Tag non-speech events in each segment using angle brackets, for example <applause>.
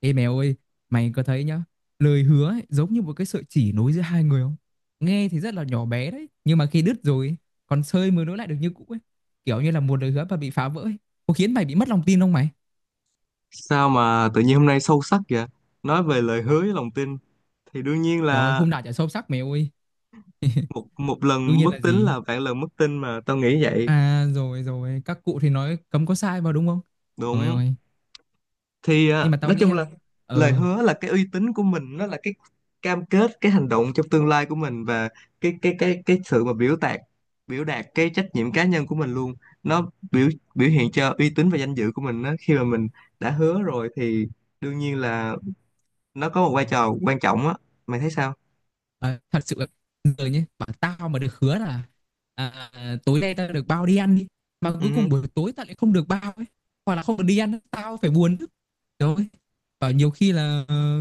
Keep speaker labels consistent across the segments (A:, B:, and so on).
A: Ê mèo ơi, mày có thấy nhá, lời hứa ấy, giống như một cái sợi chỉ nối giữa hai người không? Nghe thì rất là nhỏ bé đấy, nhưng mà khi đứt rồi, còn sơi mới nối lại được như cũ ấy. Kiểu như là một lời hứa mà bị phá vỡ ấy, có khiến mày bị mất lòng tin không mày?
B: Sao mà tự nhiên hôm nay sâu sắc vậy? Nói về lời hứa với lòng tin thì đương nhiên
A: Trời ơi,
B: là
A: hôm nào chả sâu sắc mày ơi.
B: một một
A: Đương
B: lần bất
A: nhiên là
B: tín
A: gì?
B: là vạn lần mất tin mà tao nghĩ vậy.
A: À rồi rồi, các cụ thì nói cấm có sai vào đúng không? Trời
B: Đúng.
A: ơi,
B: Thì
A: nhưng
B: à,
A: mà tao
B: nói
A: nghĩ
B: chung là
A: nha.
B: lời
A: Ừ,
B: hứa là cái uy tín của mình, nó là cái cam kết, cái hành động trong tương lai của mình và cái sự mà biểu đạt cái trách nhiệm cá nhân của mình luôn. Nó biểu biểu hiện cho uy tín và danh dự của mình đó. Khi mà mình đã hứa rồi thì đương nhiên là nó có một vai trò quan trọng á. Mày thấy sao?
A: Ờ, thật sự là người nhé bảo tao mà được hứa là tối nay tao được bao đi ăn đi mà cuối cùng
B: Ừ.
A: buổi tối tao lại không được bao ấy, hoặc là không được đi ăn tao phải buồn chứ. Rồi bảo nhiều khi là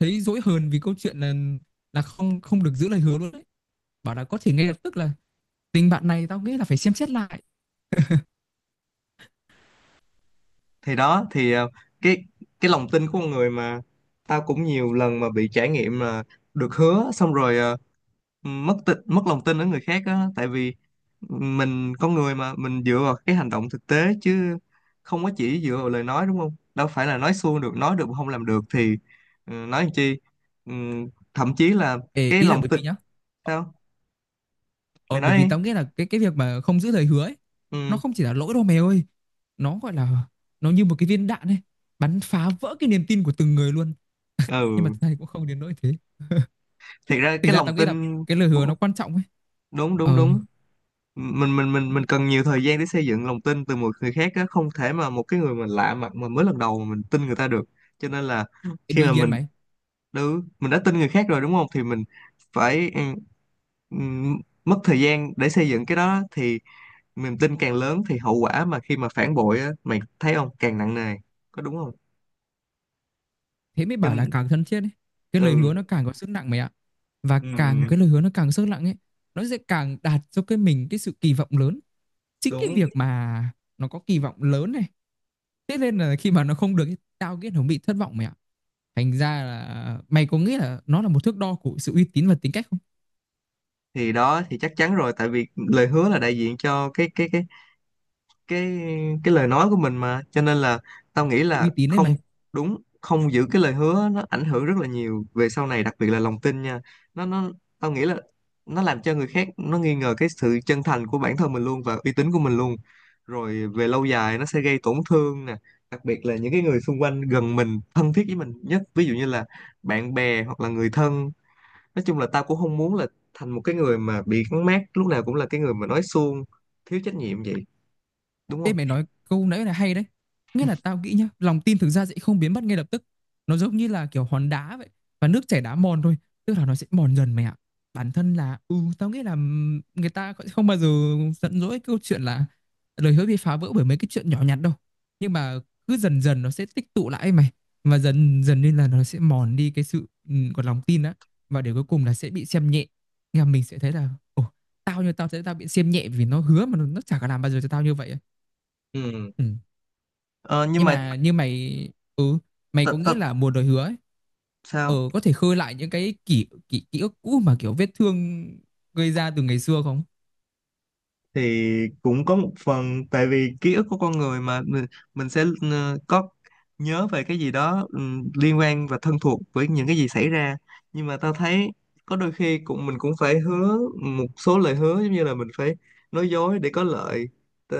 A: thấy dỗi hờn vì câu chuyện là không không được giữ lời hứa luôn đấy, bảo là có thể ngay lập tức là tình bạn này tao nghĩ là phải xem xét lại.
B: Thì đó thì cái cái lòng tin của con người mà tao cũng nhiều lần mà bị trải nghiệm là được hứa xong rồi, mất lòng tin ở người khác á, tại vì mình con người mà mình dựa vào cái hành động thực tế chứ không có chỉ dựa vào lời nói, đúng không? Đâu phải là nói suông, được nói được mà không làm được thì, nói làm chi. Ừ, thậm chí là
A: Ê,
B: cái
A: ý là
B: lòng
A: bởi
B: tin.
A: vì nhá,
B: Sao? Mày
A: Ờ bởi
B: nói
A: vì
B: đi.
A: tao nghĩ là cái việc mà không giữ lời hứa ấy, nó
B: Ừ.
A: không chỉ là lỗi đâu mày ơi. Nó gọi là nó như một cái viên đạn ấy, bắn phá vỡ cái niềm tin của từng người luôn. Nhưng mà
B: Ừ.
A: thực ra thì cũng không đến nỗi thế.
B: Thiệt ra
A: Thực
B: cái
A: ra
B: lòng
A: tao nghĩ là
B: tin.
A: cái lời hứa nó quan trọng ấy.
B: Đúng, đúng,
A: Ờ,
B: đúng. Mình cần nhiều thời gian để xây dựng lòng tin từ một người khác á, không thể mà một cái người mình lạ mặt mà mới lần đầu mà mình tin người ta được. Cho nên là
A: thì
B: khi mà
A: đương nhiên
B: mình
A: mày,
B: mình đã tin người khác rồi, đúng không? Thì mình phải, mất thời gian để xây dựng cái đó, thì niềm tin càng lớn thì hậu quả mà khi mà phản bội á, mày thấy không, càng nặng nề, có đúng không?
A: thế mới
B: Cho
A: bảo là
B: nên-
A: càng thân thiết ấy. Cái lời hứa
B: ừ.
A: nó càng có sức nặng mày ạ. Và càng
B: ừm,
A: cái lời hứa nó càng sức nặng ấy, nó sẽ càng đạt cho cái mình cái sự kỳ vọng lớn. Chính cái
B: Đúng.
A: việc mà nó có kỳ vọng lớn này, thế nên là khi mà nó không được ấy, tao nghĩ nó bị thất vọng mày ạ. Thành ra là mày có nghĩ là nó là một thước đo của sự uy tín và tính cách không?
B: Thì đó thì chắc chắn rồi, tại vì lời hứa là đại diện cho cái cái lời nói của mình mà, cho nên là tao nghĩ là
A: Uy tín đấy
B: không
A: mày.
B: đúng không giữ cái lời hứa nó ảnh hưởng rất là nhiều về sau này, đặc biệt là lòng tin nha. Nó Tao nghĩ là nó làm cho người khác nó nghi ngờ cái sự chân thành của bản thân mình luôn và uy tín của mình luôn, rồi về lâu dài nó sẽ gây tổn thương nè, đặc biệt là những cái người xung quanh gần mình thân thiết với mình nhất, ví dụ như là bạn bè hoặc là người thân. Nói chung là tao cũng không muốn là thành một cái người mà bị gắn mác lúc nào cũng là cái người mà nói suông, thiếu trách nhiệm vậy, đúng
A: Ê
B: không?
A: mày nói câu nãy là hay đấy. Nghĩa là tao nghĩ nhá, lòng tin thực ra sẽ không biến mất ngay lập tức. Nó giống như là kiểu hòn đá vậy, và nước chảy đá mòn thôi. Tức là nó sẽ mòn dần mày ạ. Bản thân là, ừ, tao nghĩ là, người ta sẽ không bao giờ giận dỗi câu chuyện là lời hứa bị phá vỡ bởi mấy cái chuyện nhỏ nhặt đâu. Nhưng mà cứ dần dần nó sẽ tích tụ lại ấy mày. Và dần dần nên là nó sẽ mòn đi cái sự, của lòng tin á. Và để cuối cùng là sẽ bị xem nhẹ. Nghe mình sẽ thấy là, ồ, tao thấy tao bị xem nhẹ vì nó hứa mà nó chả có làm bao giờ cho tao như vậy á.
B: Ừ.
A: Ừ.
B: Ờ, nhưng
A: Nhưng
B: mà
A: mà như mày, ừ, mày có
B: thật
A: nghĩ
B: thật.
A: là mùa lời hứa ấy, ờ,
B: Sao?
A: có thể khơi lại những cái kỷ kỷ ký ức cũ mà kiểu vết thương gây ra từ ngày xưa không?
B: Thì cũng có một phần tại vì ký ức của con người mà mình sẽ, có nhớ về cái gì đó, liên quan và thân thuộc với những cái gì xảy ra. Nhưng mà tao thấy có đôi khi cũng mình cũng phải hứa một số lời hứa, giống như là mình phải nói dối để có lợi. Ờ,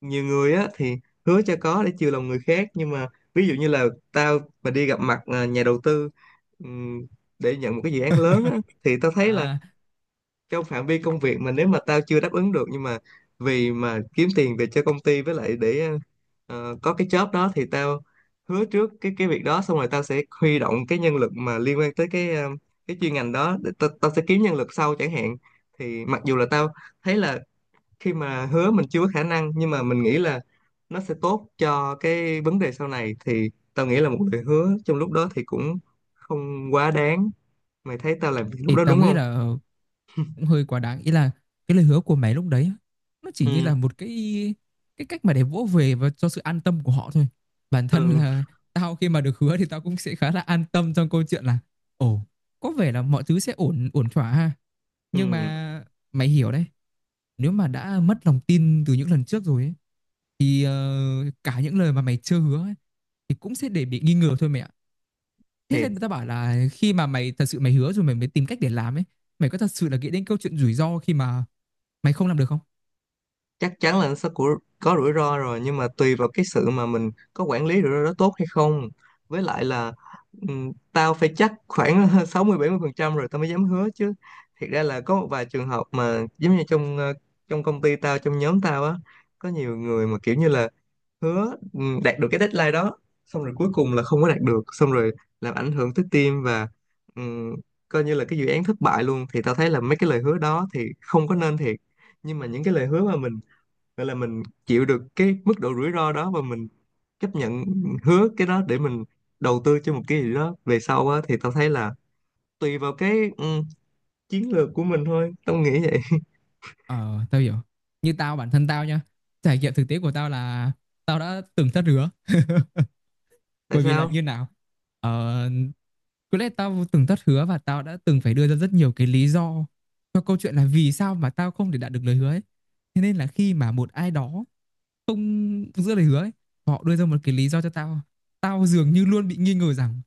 B: nhiều người á thì hứa cho có để chiều lòng người khác, nhưng mà ví dụ như là tao mà đi gặp mặt, nhà đầu tư, ừ, để nhận một cái dự án lớn á,
A: <laughs>
B: thì tao thấy là
A: À
B: trong phạm vi công việc mà nếu mà tao chưa đáp ứng được, nhưng mà vì mà kiếm tiền về cho công ty, với lại để, có cái job đó, thì tao hứa trước cái việc đó xong rồi tao sẽ huy động cái nhân lực mà liên quan tới cái chuyên ngành đó, để tao sẽ kiếm nhân lực sau chẳng hạn. Thì mặc dù là tao thấy là khi mà hứa mình chưa có khả năng, nhưng mà mình nghĩ là nó sẽ tốt cho cái vấn đề sau này, thì tao nghĩ là một lời hứa trong lúc đó thì cũng không quá đáng. Mày thấy tao làm việc lúc
A: thì
B: đó đúng
A: tao nghĩ
B: không?
A: là cũng hơi quá đáng, ý là cái lời hứa của mày lúc đấy á, nó chỉ như
B: Ừ.
A: là một cái, cách mà để vỗ về và cho sự an tâm của họ thôi. Bản thân
B: Ừ.
A: là tao khi mà được hứa thì tao cũng sẽ khá là an tâm trong câu chuyện là, ồ, có vẻ là mọi thứ sẽ ổn ổn thỏa ha. Nhưng
B: Ừ.
A: mà mày hiểu đấy, nếu mà đã mất lòng tin từ những lần trước rồi ấy, thì cả những lời mà mày chưa hứa ấy, thì cũng sẽ để bị nghi ngờ thôi mẹ ạ. Thế
B: Thì
A: nên người ta bảo là khi mà mày thật sự mày hứa rồi mày mới tìm cách để làm ấy, mày có thật sự là nghĩ đến câu chuyện rủi ro khi mà mày không làm được không?
B: chắc chắn là nó sẽ có rủi ro rồi, nhưng mà tùy vào cái sự mà mình có quản lý rủi ro đó tốt hay không, với lại là, tao phải chắc khoảng <laughs> 60 mươi 70% rồi tao mới dám hứa chứ. Thiệt ra là có một vài trường hợp mà giống như trong công ty tao, trong nhóm tao á, có nhiều người mà kiểu như là hứa, đạt được cái deadline đó, xong rồi cuối cùng là không có đạt được, xong rồi làm ảnh hưởng tới team và, ừm, coi như là cái dự án thất bại luôn, thì tao thấy là mấy cái lời hứa đó thì không có nên thiệt. Nhưng mà những cái lời hứa mà mình nên là mình chịu được cái mức độ rủi ro đó và mình chấp nhận hứa cái đó để mình đầu tư cho một cái gì đó về sau á, thì tao thấy là tùy vào cái, chiến lược của mình thôi, tao nghĩ vậy.
A: Ờ, tao hiểu. Như tao bản thân tao nha, trải nghiệm thực tế của tao là tao đã từng thất hứa,
B: <laughs> Tại
A: bởi vì là
B: sao?
A: như nào, ờ, có lẽ tao từng thất hứa và tao đã từng phải đưa ra rất nhiều cái lý do cho câu chuyện là vì sao mà tao không thể đạt được lời hứa ấy. Thế nên là khi mà một ai đó không giữ lời hứa ấy, họ đưa ra một cái lý do cho tao, tao dường như luôn bị nghi ngờ rằng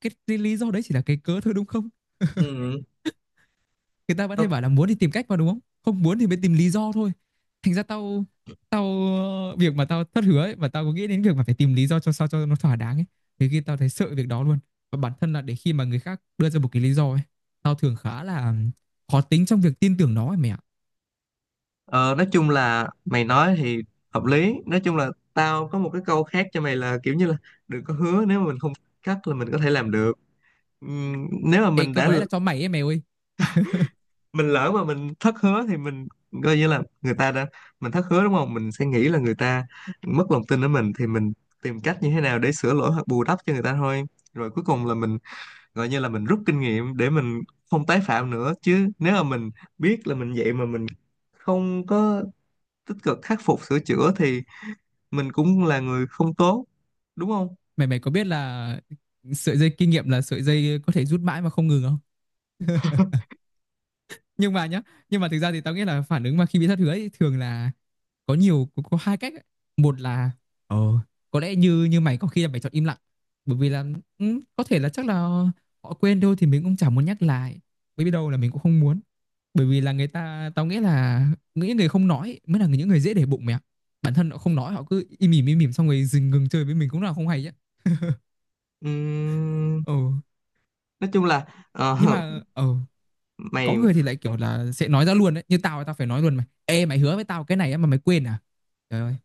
A: cái lý do đấy chỉ là cái cớ thôi đúng không?
B: Ừ.
A: Người ta vẫn hay
B: tao-
A: bảo là muốn thì tìm cách mà, đúng không, không muốn thì mới tìm lý do thôi. Thành ra tao tao việc mà tao thất hứa ấy, mà tao có nghĩ đến việc mà phải tìm lý do cho sao cho nó thỏa đáng ấy, thì khi tao thấy sợ việc đó luôn. Và bản thân là để khi mà người khác đưa ra một cái lý do ấy, tao thường khá là khó tính trong việc tin tưởng nó ấy mày ạ.
B: ờ, nói chung là mày nói thì hợp lý. Nói chung là tao có một cái câu khác cho mày là kiểu như là đừng có hứa nếu mà mình không cắt là mình có thể làm được. Nếu mà
A: Ê câu của đấy là cho mày ấy mày ơi.
B: mình lỡ mà mình thất hứa thì mình coi như là người ta đã mình thất hứa, đúng không, mình sẽ nghĩ là người ta mất lòng tin ở mình, thì mình tìm cách như thế nào để sửa lỗi hoặc bù đắp cho người ta thôi. Rồi cuối cùng là mình gọi như là mình rút kinh nghiệm để mình không tái phạm nữa. Chứ nếu mà mình biết là mình vậy mà mình không có tích cực khắc phục sửa chữa thì mình cũng là người không tốt, đúng không?
A: Mày mày có biết là sợi dây kinh nghiệm là sợi dây có thể rút mãi mà không ngừng không? Nhưng mà nhá, nhưng mà thực ra thì tao nghĩ là phản ứng mà khi bị thất hứa ấy, thường là có hai cách ấy. Một là ờ, có lẽ như như mày có khi là mày chọn im lặng, bởi vì là, ừ, có thể là chắc là họ quên thôi thì mình cũng chẳng muốn nhắc lại, bởi vì đâu là mình cũng không muốn, bởi vì là người ta tao nghĩ là những người không nói mới là những người dễ để bụng mẹ. Bản thân họ không nói họ cứ im ỉm xong rồi ngừng chơi với mình cũng là không hay chứ.
B: Ừm,
A: Ừ,
B: nói chung là, ờ,
A: nhưng mà, ờ,
B: <laughs>
A: có
B: mày,
A: người thì lại kiểu là sẽ nói ra luôn đấy, như tao tao phải nói luôn mày, ê mày hứa với tao cái này á mà mày quên à. Trời ơi.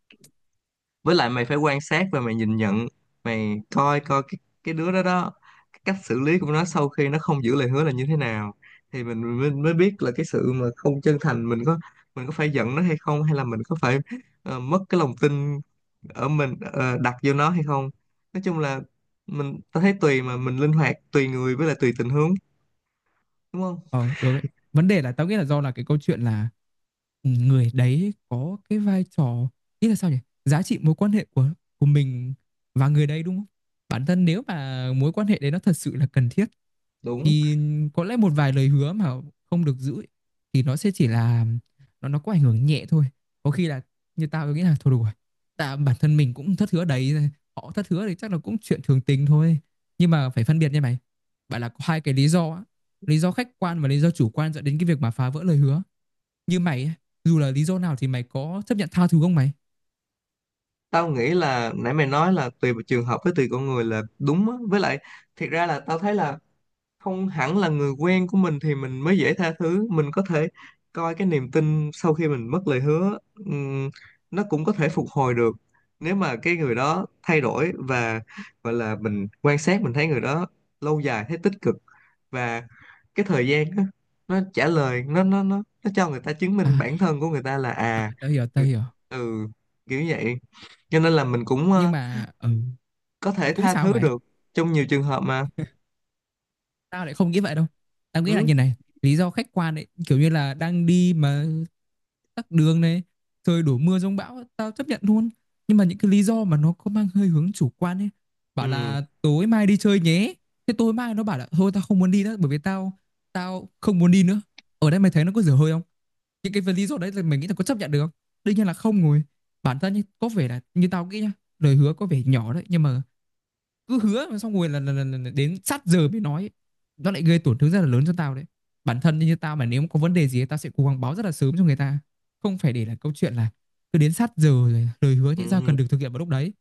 B: với lại mày phải quan sát và mày nhìn nhận. Mày coi coi cái đứa đó đó, cái cách xử lý của nó sau khi nó không giữ lời hứa là như thế nào, thì mình mới, mới biết là cái sự mà không chân thành. Mình có, mình có phải giận nó hay không, hay là mình có phải, mất cái lòng tin ở mình, đặt vô nó hay không? Nói chung là mình, tao thấy tùy mà mình linh hoạt tùy người với lại tùy tình huống, đúng không?
A: Ờ, được ấy. Vấn đề là tao nghĩ là do là cái câu chuyện là, ừ, người đấy có cái vai trò, ý là sao nhỉ? Giá trị mối quan hệ của mình và người đấy đúng không? Bản thân nếu mà mối quan hệ đấy nó thật sự là cần thiết
B: Đúng.
A: thì có lẽ một vài lời hứa mà không được giữ ấy, thì nó sẽ chỉ là, nó có ảnh hưởng nhẹ thôi. Có khi là như tao nghĩ là thôi đủ rồi. Tại bản thân mình cũng thất hứa đấy, họ thất hứa thì chắc là cũng chuyện thường tình thôi. Nhưng mà phải phân biệt nha mày. Bạn là có hai cái lý do á, lý do khách quan và lý do chủ quan dẫn đến cái việc mà phá vỡ lời hứa. Như mày ấy, dù là lý do nào thì mày có chấp nhận tha thứ không mày?
B: Tao nghĩ là nãy mày nói là tùy trường hợp với tùy con người là đúng á, với lại thiệt ra là tao thấy là không hẳn là người quen của mình thì mình mới dễ tha thứ. Mình có thể coi cái niềm tin sau khi mình mất lời hứa, ừm, nó cũng có thể phục hồi được nếu mà cái người đó thay đổi và gọi là mình quan sát mình thấy người đó lâu dài thấy tích cực. Và cái thời gian á, nó trả lời nó cho người ta chứng
A: À,
B: minh bản thân của người ta là
A: à
B: à,
A: tao hiểu tao
B: người-
A: hiểu
B: Ừ. Kiểu vậy. Cho nên là mình cũng,
A: Nhưng mà, ừ,
B: có thể
A: cũng
B: tha
A: sao
B: thứ
A: mày,
B: được trong nhiều trường hợp mà.
A: tao lại không nghĩ vậy đâu. Tao nghĩ là
B: Ừ.
A: như này, lý do khách quan ấy kiểu như là đang đi mà tắc đường này, trời đổ mưa giông bão tao chấp nhận luôn. Nhưng mà những cái lý do mà nó có mang hơi hướng chủ quan ấy, bảo
B: Ừ.
A: là tối mai đi chơi nhé, thế tối mai nó bảo là thôi tao không muốn đi nữa, bởi vì tao tao không muốn đi nữa. Ở đây mày thấy nó có dở hơi không? Những cái lý do đấy là mày nghĩ là có chấp nhận được không? Đương nhiên là không rồi. Bản thân như có vẻ là như tao nghĩ nhá, lời hứa có vẻ nhỏ đấy nhưng mà cứ hứa mà xong rồi là đến sát giờ mới nói, nó lại gây tổn thương rất là lớn cho tao đấy. Bản thân như tao mà nếu có vấn đề gì tao sẽ cố gắng báo rất là sớm cho người ta, không phải để là câu chuyện là cứ đến sát giờ rồi lời hứa nhẽ ra cần
B: Ừ.
A: được thực hiện vào lúc đấy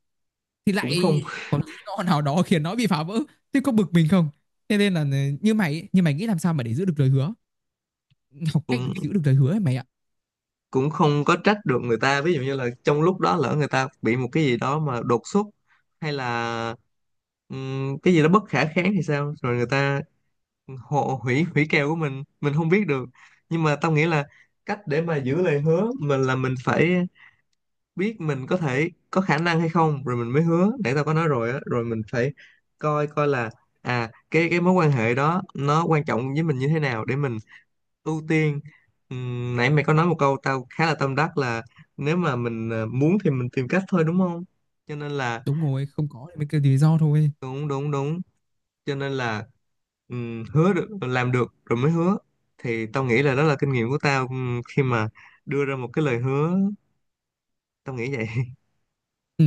A: thì
B: cũng không
A: lại có lý do nào đó khiến nó bị phá vỡ, thế có bực mình không. Thế nên là, ừ, như mày, mày nghĩ làm sao mà để giữ được lời hứa, học cách được
B: cũng
A: giữ được lời hứa ấy mày ạ.
B: cũng không có trách được người ta, ví dụ như là trong lúc đó lỡ người ta bị một cái gì đó mà đột xuất, hay là, cái gì đó bất khả kháng thì sao, rồi người ta hộ hủy hủy kèo của mình không biết được. Nhưng mà tao nghĩ là cách để mà giữ lời hứa mình là mình phải biết mình có thể có khả năng hay không rồi mình mới hứa, để tao có nói rồi á. Rồi mình phải coi coi là à, cái mối quan hệ đó nó quan trọng với mình như thế nào để mình ưu tiên. Nãy mày có nói một câu tao khá là tâm đắc là nếu mà mình, muốn thì mình tìm cách thôi, đúng không? Cho nên là
A: Đúng rồi, không có thì mới kêu lý do thôi.
B: đúng, đúng, đúng. Cho nên là, hứa được làm được rồi mới hứa, thì tao nghĩ là đó là kinh nghiệm của tao, khi mà đưa ra một cái lời hứa. Tao nghĩ vậy. <laughs>
A: Ừ.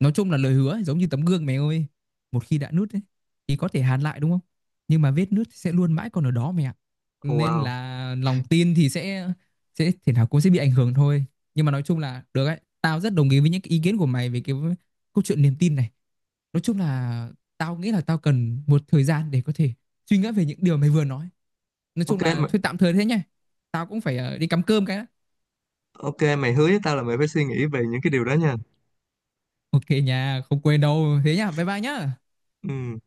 A: Nói chung là lời hứa ấy, giống như tấm gương mẹ ơi. Một khi đã nứt ấy, thì có thể hàn lại đúng không? Nhưng mà vết nứt sẽ luôn mãi còn ở đó mẹ ạ. Nên
B: Wow.
A: là lòng tin thì sẽ thể nào cũng sẽ bị ảnh hưởng thôi. Nhưng mà nói chung là được ấy. Tao rất đồng ý với những cái ý kiến của mày về cái câu chuyện niềm tin này. Nói chung là tao nghĩ là tao cần một thời gian để có thể suy nghĩ về những điều mày vừa nói. Nói
B: Ok
A: chung là
B: mày.
A: thôi tạm thời thế nhá. Tao cũng phải đi cắm cơm cái đã.
B: Ok, mày hứa với tao là mày phải suy nghĩ về những cái điều đó nha.
A: Ok nha, không quên đâu. Thế nhá, bye bye nhá.
B: Ừ.